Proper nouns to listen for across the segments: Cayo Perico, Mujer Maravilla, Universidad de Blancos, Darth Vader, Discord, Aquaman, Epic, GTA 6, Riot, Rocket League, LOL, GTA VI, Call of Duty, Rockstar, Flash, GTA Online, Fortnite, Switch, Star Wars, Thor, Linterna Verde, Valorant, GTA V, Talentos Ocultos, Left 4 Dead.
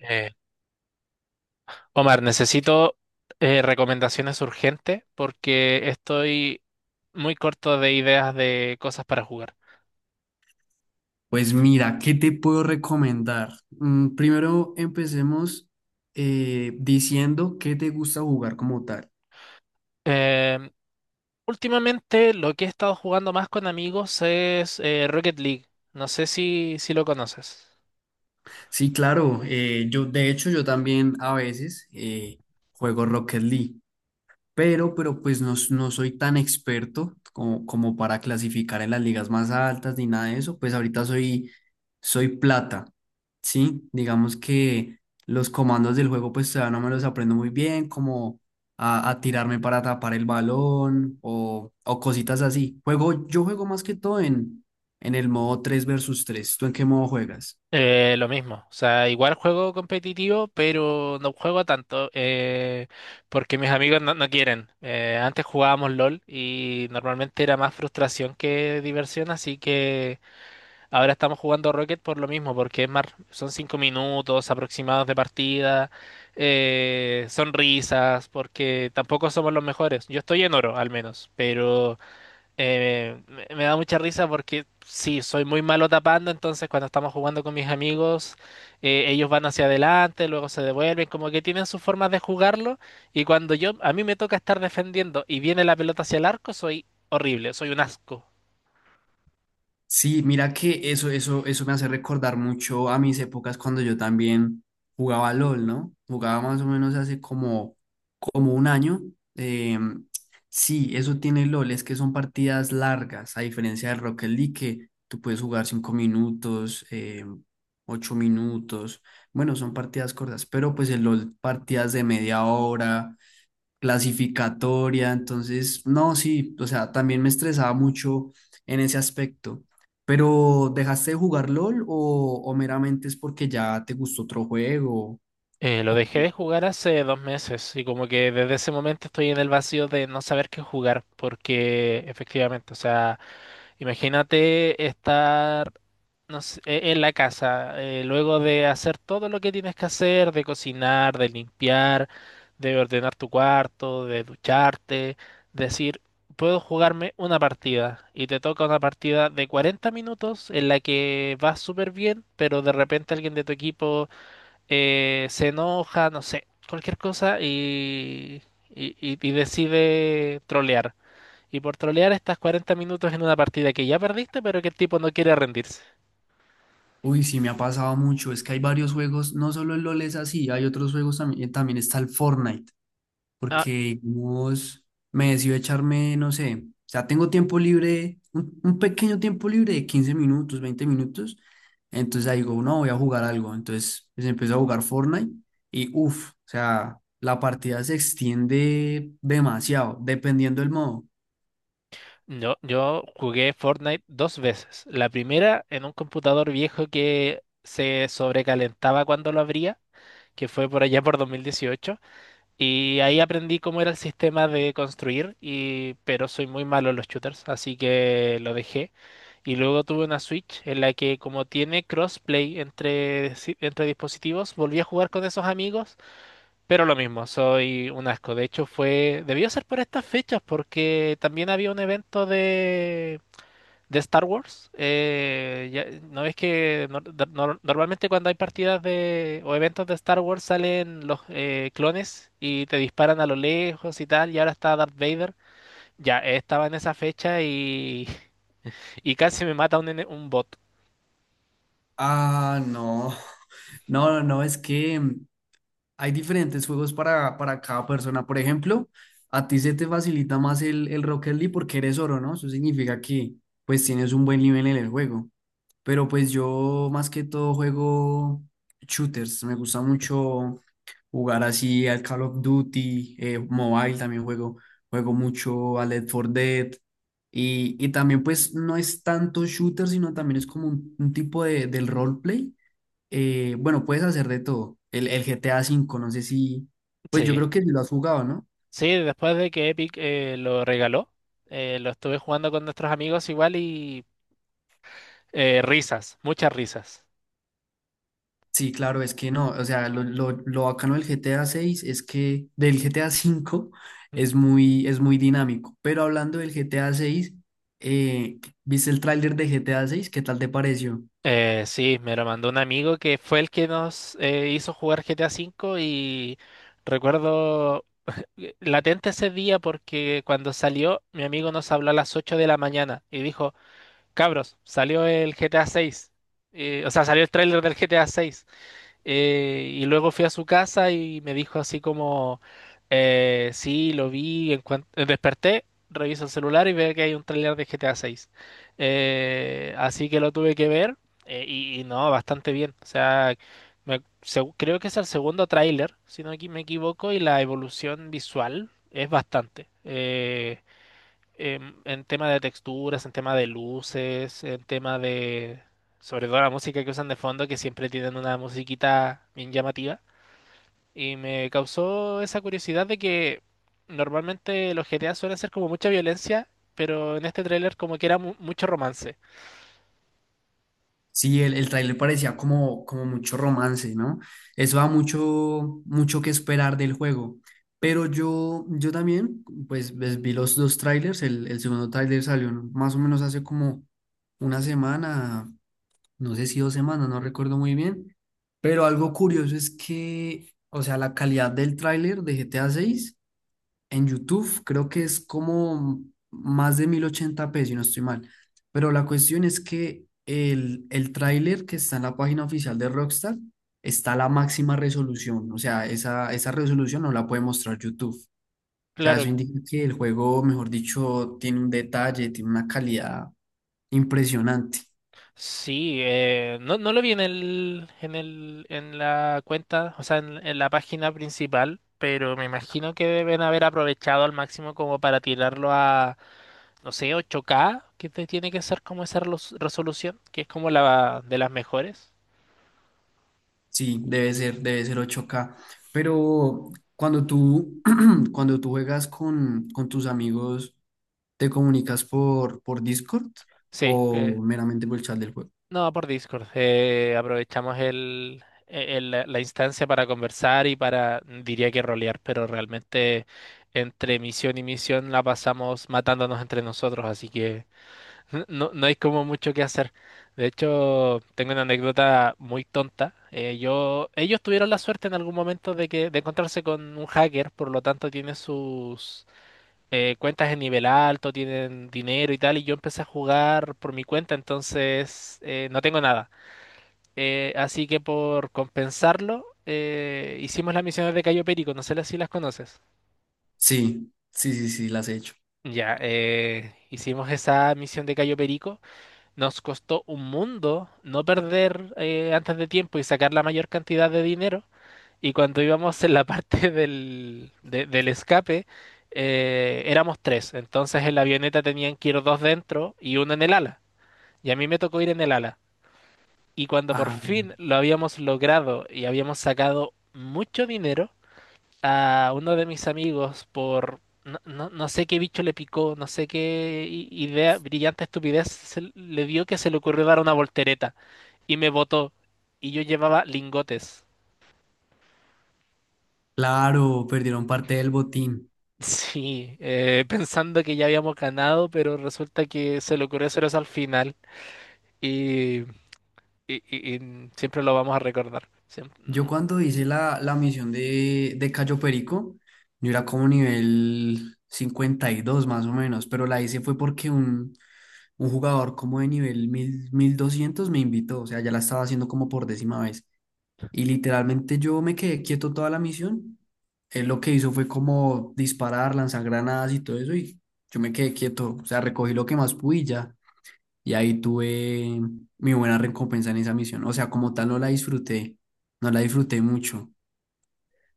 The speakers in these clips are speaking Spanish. Eh, Omar, necesito recomendaciones urgentes porque estoy muy corto de ideas de cosas para jugar. Pues mira, ¿qué te puedo recomendar? Primero empecemos diciendo qué te gusta jugar como tal. Em, Últimamente lo que he estado jugando más con amigos es Rocket League. No sé si lo conoces. Sí, claro, yo de hecho yo también a veces juego Rocket League. Pero pues no, no soy tan experto como para clasificar en las ligas más altas ni nada de eso. Pues ahorita soy plata, ¿sí? Digamos que los comandos del juego pues todavía no me los aprendo muy bien, como a tirarme para tapar el balón o cositas así. Yo juego más que todo en el modo 3 versus tres. ¿Tú en qué modo juegas? Lo mismo, o sea, igual juego competitivo, pero no juego tanto porque mis amigos no quieren. Antes jugábamos LOL y normalmente era más frustración que diversión, así que... Ahora estamos jugando Rocket por lo mismo, porque es más, son cinco minutos aproximados de partida, son risas, porque tampoco somos los mejores. Yo estoy en oro, al menos, pero me da mucha risa porque sí, soy muy malo tapando, entonces cuando estamos jugando con mis amigos, ellos van hacia adelante, luego se devuelven, como que tienen sus formas de jugarlo, y cuando yo, a mí me toca estar defendiendo y viene la pelota hacia el arco, soy horrible, soy un asco. Sí, mira que eso me hace recordar mucho a mis épocas cuando yo también jugaba LOL, ¿no? Jugaba más o menos hace como un año. Eh, sí, eso tiene LOL, es que son partidas largas, a diferencia del Rocket League, que tú puedes jugar 5 minutos, 8 minutos. Bueno, son partidas cortas, pero pues el LOL, partidas de media hora, clasificatoria. Entonces, no, sí, o sea, también me estresaba mucho en ese aspecto. Pero, ¿dejaste de jugar LOL o meramente es porque ya te gustó otro juego? Lo ¿O dejé de qué? jugar hace dos meses y como que desde ese momento estoy en el vacío de no saber qué jugar porque efectivamente, o sea, imagínate estar no sé, en la casa luego de hacer todo lo que tienes que hacer, de cocinar, de limpiar, de ordenar tu cuarto, de ducharte, decir, puedo jugarme una partida y te toca una partida de 40 minutos en la que vas súper bien, pero de repente alguien de tu equipo se enoja, no sé, cualquier cosa y decide trolear. Y por trolear estás 40 minutos en una partida que ya perdiste, pero que el tipo no quiere rendirse. Uy, sí, me ha pasado mucho, es que hay varios juegos, no solo el LOL es así, hay otros juegos también, también está el Fortnite. Ah, Porque digamos, me decido echarme, no sé, o sea, tengo tiempo libre, un pequeño tiempo libre de 15 minutos, 20 minutos. Entonces ahí digo, no, voy a jugar algo. Entonces pues empiezo a jugar Fortnite y uff, o sea, la partida se extiende demasiado, dependiendo del modo. yo jugué Fortnite dos veces. La primera en un computador viejo que se sobrecalentaba cuando lo abría, que fue por allá por 2018. Y ahí aprendí cómo era el sistema de construir, y, pero soy muy malo en los shooters, así que lo dejé. Y luego tuve una Switch en la que como tiene crossplay entre, si- entre dispositivos, volví a jugar con esos amigos, pero lo mismo, soy un asco. De hecho, fue, debió ser por estas fechas porque también había un evento de Star Wars, no es que normalmente cuando hay partidas de, o eventos de Star Wars salen los clones y te disparan a lo lejos y tal, y ahora está Darth Vader. Ya Estaba en esa fecha y, y casi me mata un bot. Ah, no, no, no, no, es que hay diferentes juegos para cada persona. Por ejemplo, a ti se te facilita más el Rocket League porque eres oro, ¿no? Eso significa que pues tienes un buen nivel en el juego. Pero pues yo más que todo juego shooters. Me gusta mucho jugar así al Call of Duty, Mobile también juego. Juego mucho a Left 4 Dead. Y también pues no es tanto shooter, sino también es como un tipo del roleplay. Bueno, puedes hacer de todo. El GTA V, no sé si, pues yo Sí, creo que sí lo has jugado, ¿no? sí, después de que Epic lo regaló, lo estuve jugando con nuestros amigos igual y risas, muchas risas. Sí, claro, es que no, o sea, lo bacano del GTA 6 es que del GTA 5 es muy, dinámico. Pero hablando del GTA 6, ¿viste el tráiler de GTA 6? ¿Qué tal te pareció? Sí, me lo mandó un amigo que fue el que nos hizo jugar GTA V y recuerdo latente ese día porque cuando salió mi amigo nos habló a las 8 de la mañana y dijo, cabros, salió el GTA VI. O sea, salió el tráiler del GTA VI, y luego fui a su casa y me dijo así como, sí, lo vi, desperté, reviso el celular y veo que hay un tráiler de GTA 6, así que lo tuve que ver y no, bastante bien. O sea, creo que es el segundo tráiler, si no me equivoco, y la evolución visual es bastante. En tema de texturas, en tema de luces, en tema de, sobre todo la música que usan de fondo, que siempre tienen una musiquita bien llamativa. Y me causó esa curiosidad de que normalmente los GTA suelen ser como mucha violencia, pero en este tráiler como que era mucho romance. Sí, el tráiler parecía como mucho romance, ¿no? Eso da mucho, mucho que esperar del juego. Pero yo también, pues, vi los dos trailers. El segundo tráiler salió más o menos hace como una semana, no sé si 2 semanas, no recuerdo muy bien. Pero algo curioso es que, o sea, la calidad del tráiler de GTA 6. En YouTube creo que es como más de 1080p si no estoy mal. Pero la cuestión es que el tráiler que está en la página oficial de Rockstar está a la máxima resolución. O sea, esa resolución no la puede mostrar YouTube. O sea, Claro, eso indica que el juego, mejor dicho, tiene un detalle, tiene una calidad impresionante. sí, no lo vi en en la cuenta, o sea, en la página principal, pero me imagino que deben haber aprovechado al máximo como para tirarlo a no sé, 8K, que te tiene que ser como esa resolución, que es como la de las mejores. Sí, debe ser 8K. Pero cuando tú, cuando tú juegas con tus amigos, ¿te comunicas por Discord Sí, que- o meramente por el chat del juego? no, por Discord. Aprovechamos el, e-, el- la la instancia para conversar y para, diría que rolear, pero realmente entre misión y misión la pasamos matándonos entre nosotros, así que no, no hay como mucho que hacer. De hecho, tengo una anécdota muy tonta. Ellos tuvieron la suerte en algún momento de encontrarse con un hacker, por lo tanto tiene sus cuentas en nivel alto, tienen dinero y tal, y yo empecé a jugar por mi cuenta, entonces no tengo nada. Así que por compensarlo, hicimos las misiones de Cayo Perico, no sé si las conoces. Sí, sí, sí, sí, las he hecho. Ya, hicimos esa misión de Cayo Perico, nos costó un mundo no perder antes de tiempo y sacar la mayor cantidad de dinero. Y cuando íbamos en la parte del escape, éramos tres. Entonces en la avioneta tenían que ir dos dentro y uno en el ala. Y a mí me tocó ir en el ala. Y cuando por Ajá. fin lo habíamos logrado y habíamos sacado mucho dinero, a uno de mis amigos por... No sé qué bicho le picó, no sé qué idea, brillante estupidez se le dio que se le ocurrió dar una voltereta y me botó. Y yo llevaba lingotes. Claro, perdieron parte del botín. Sí, pensando que ya habíamos ganado, pero resulta que se le ocurrió hacer eso al final y, y siempre lo vamos a recordar. Yo cuando hice la misión de Cayo Perico, yo era como nivel 52 más o menos, pero la hice fue porque un jugador como de nivel 1200 me invitó. O sea, ya la estaba haciendo como por 10.ª vez. Y literalmente yo me quedé quieto toda la misión. Él lo que hizo fue como disparar, lanzar granadas y todo eso, y yo me quedé quieto. O sea, recogí lo que más pude y ya. Y ahí tuve mi buena recompensa en esa misión. O sea, como tal no la disfruté, no la disfruté mucho.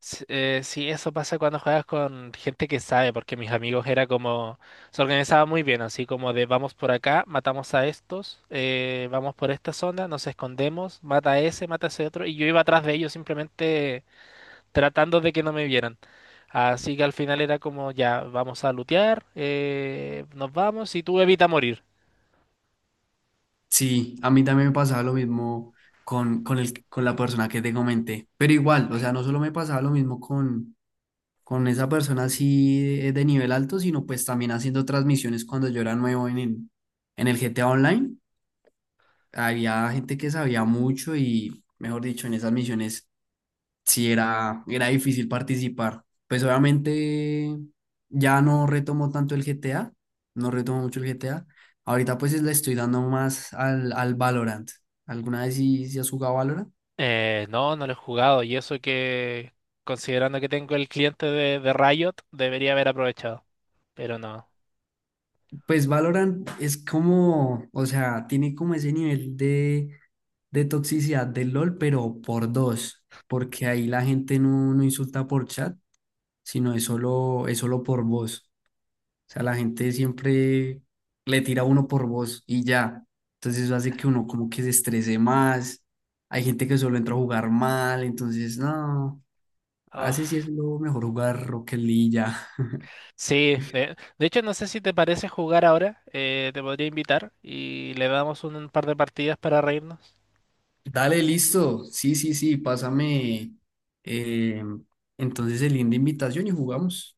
Sí, eso pasa cuando juegas con gente que sabe, porque mis amigos era como, se organizaba muy bien, así como de vamos por acá, matamos a estos, vamos por esta zona, nos escondemos, mata a ese otro, y yo iba atrás de ellos simplemente tratando de que no me vieran. Así que al final era como, ya, vamos a lootear, nos vamos y tú evita morir. Sí, a mí también me pasaba lo mismo con la persona que te comenté. Pero igual, o sea, no solo me pasaba lo mismo con esa persona así de nivel alto, sino pues también haciendo transmisiones cuando yo era nuevo en el GTA Online. Había gente que sabía mucho y, mejor dicho, en esas misiones sí era difícil participar. Pues obviamente ya no retomo tanto el GTA, no retomo mucho el GTA. Ahorita pues le estoy dando más al Valorant. ¿Alguna vez sí has jugado Valorant? No, no lo he jugado y eso que, considerando que tengo el cliente de Riot, debería haber aprovechado, pero no. Pues Valorant es como, o sea, tiene como ese nivel de toxicidad del LOL, pero por dos, porque ahí la gente no insulta por chat, sino es solo por voz. O sea, la gente siempre le tira a uno por voz y ya. Entonces eso hace que uno como que se estrese más. Hay gente que solo entra a jugar mal, entonces no, hace si es Uf. lo mejor jugar Rocket League y ya. Sí, de hecho no sé si te parece jugar ahora, te podría invitar y le damos un par de partidas para reírnos. Dale, listo. Sí, sí, sí, pásame eh, entonces el link de invitación y jugamos.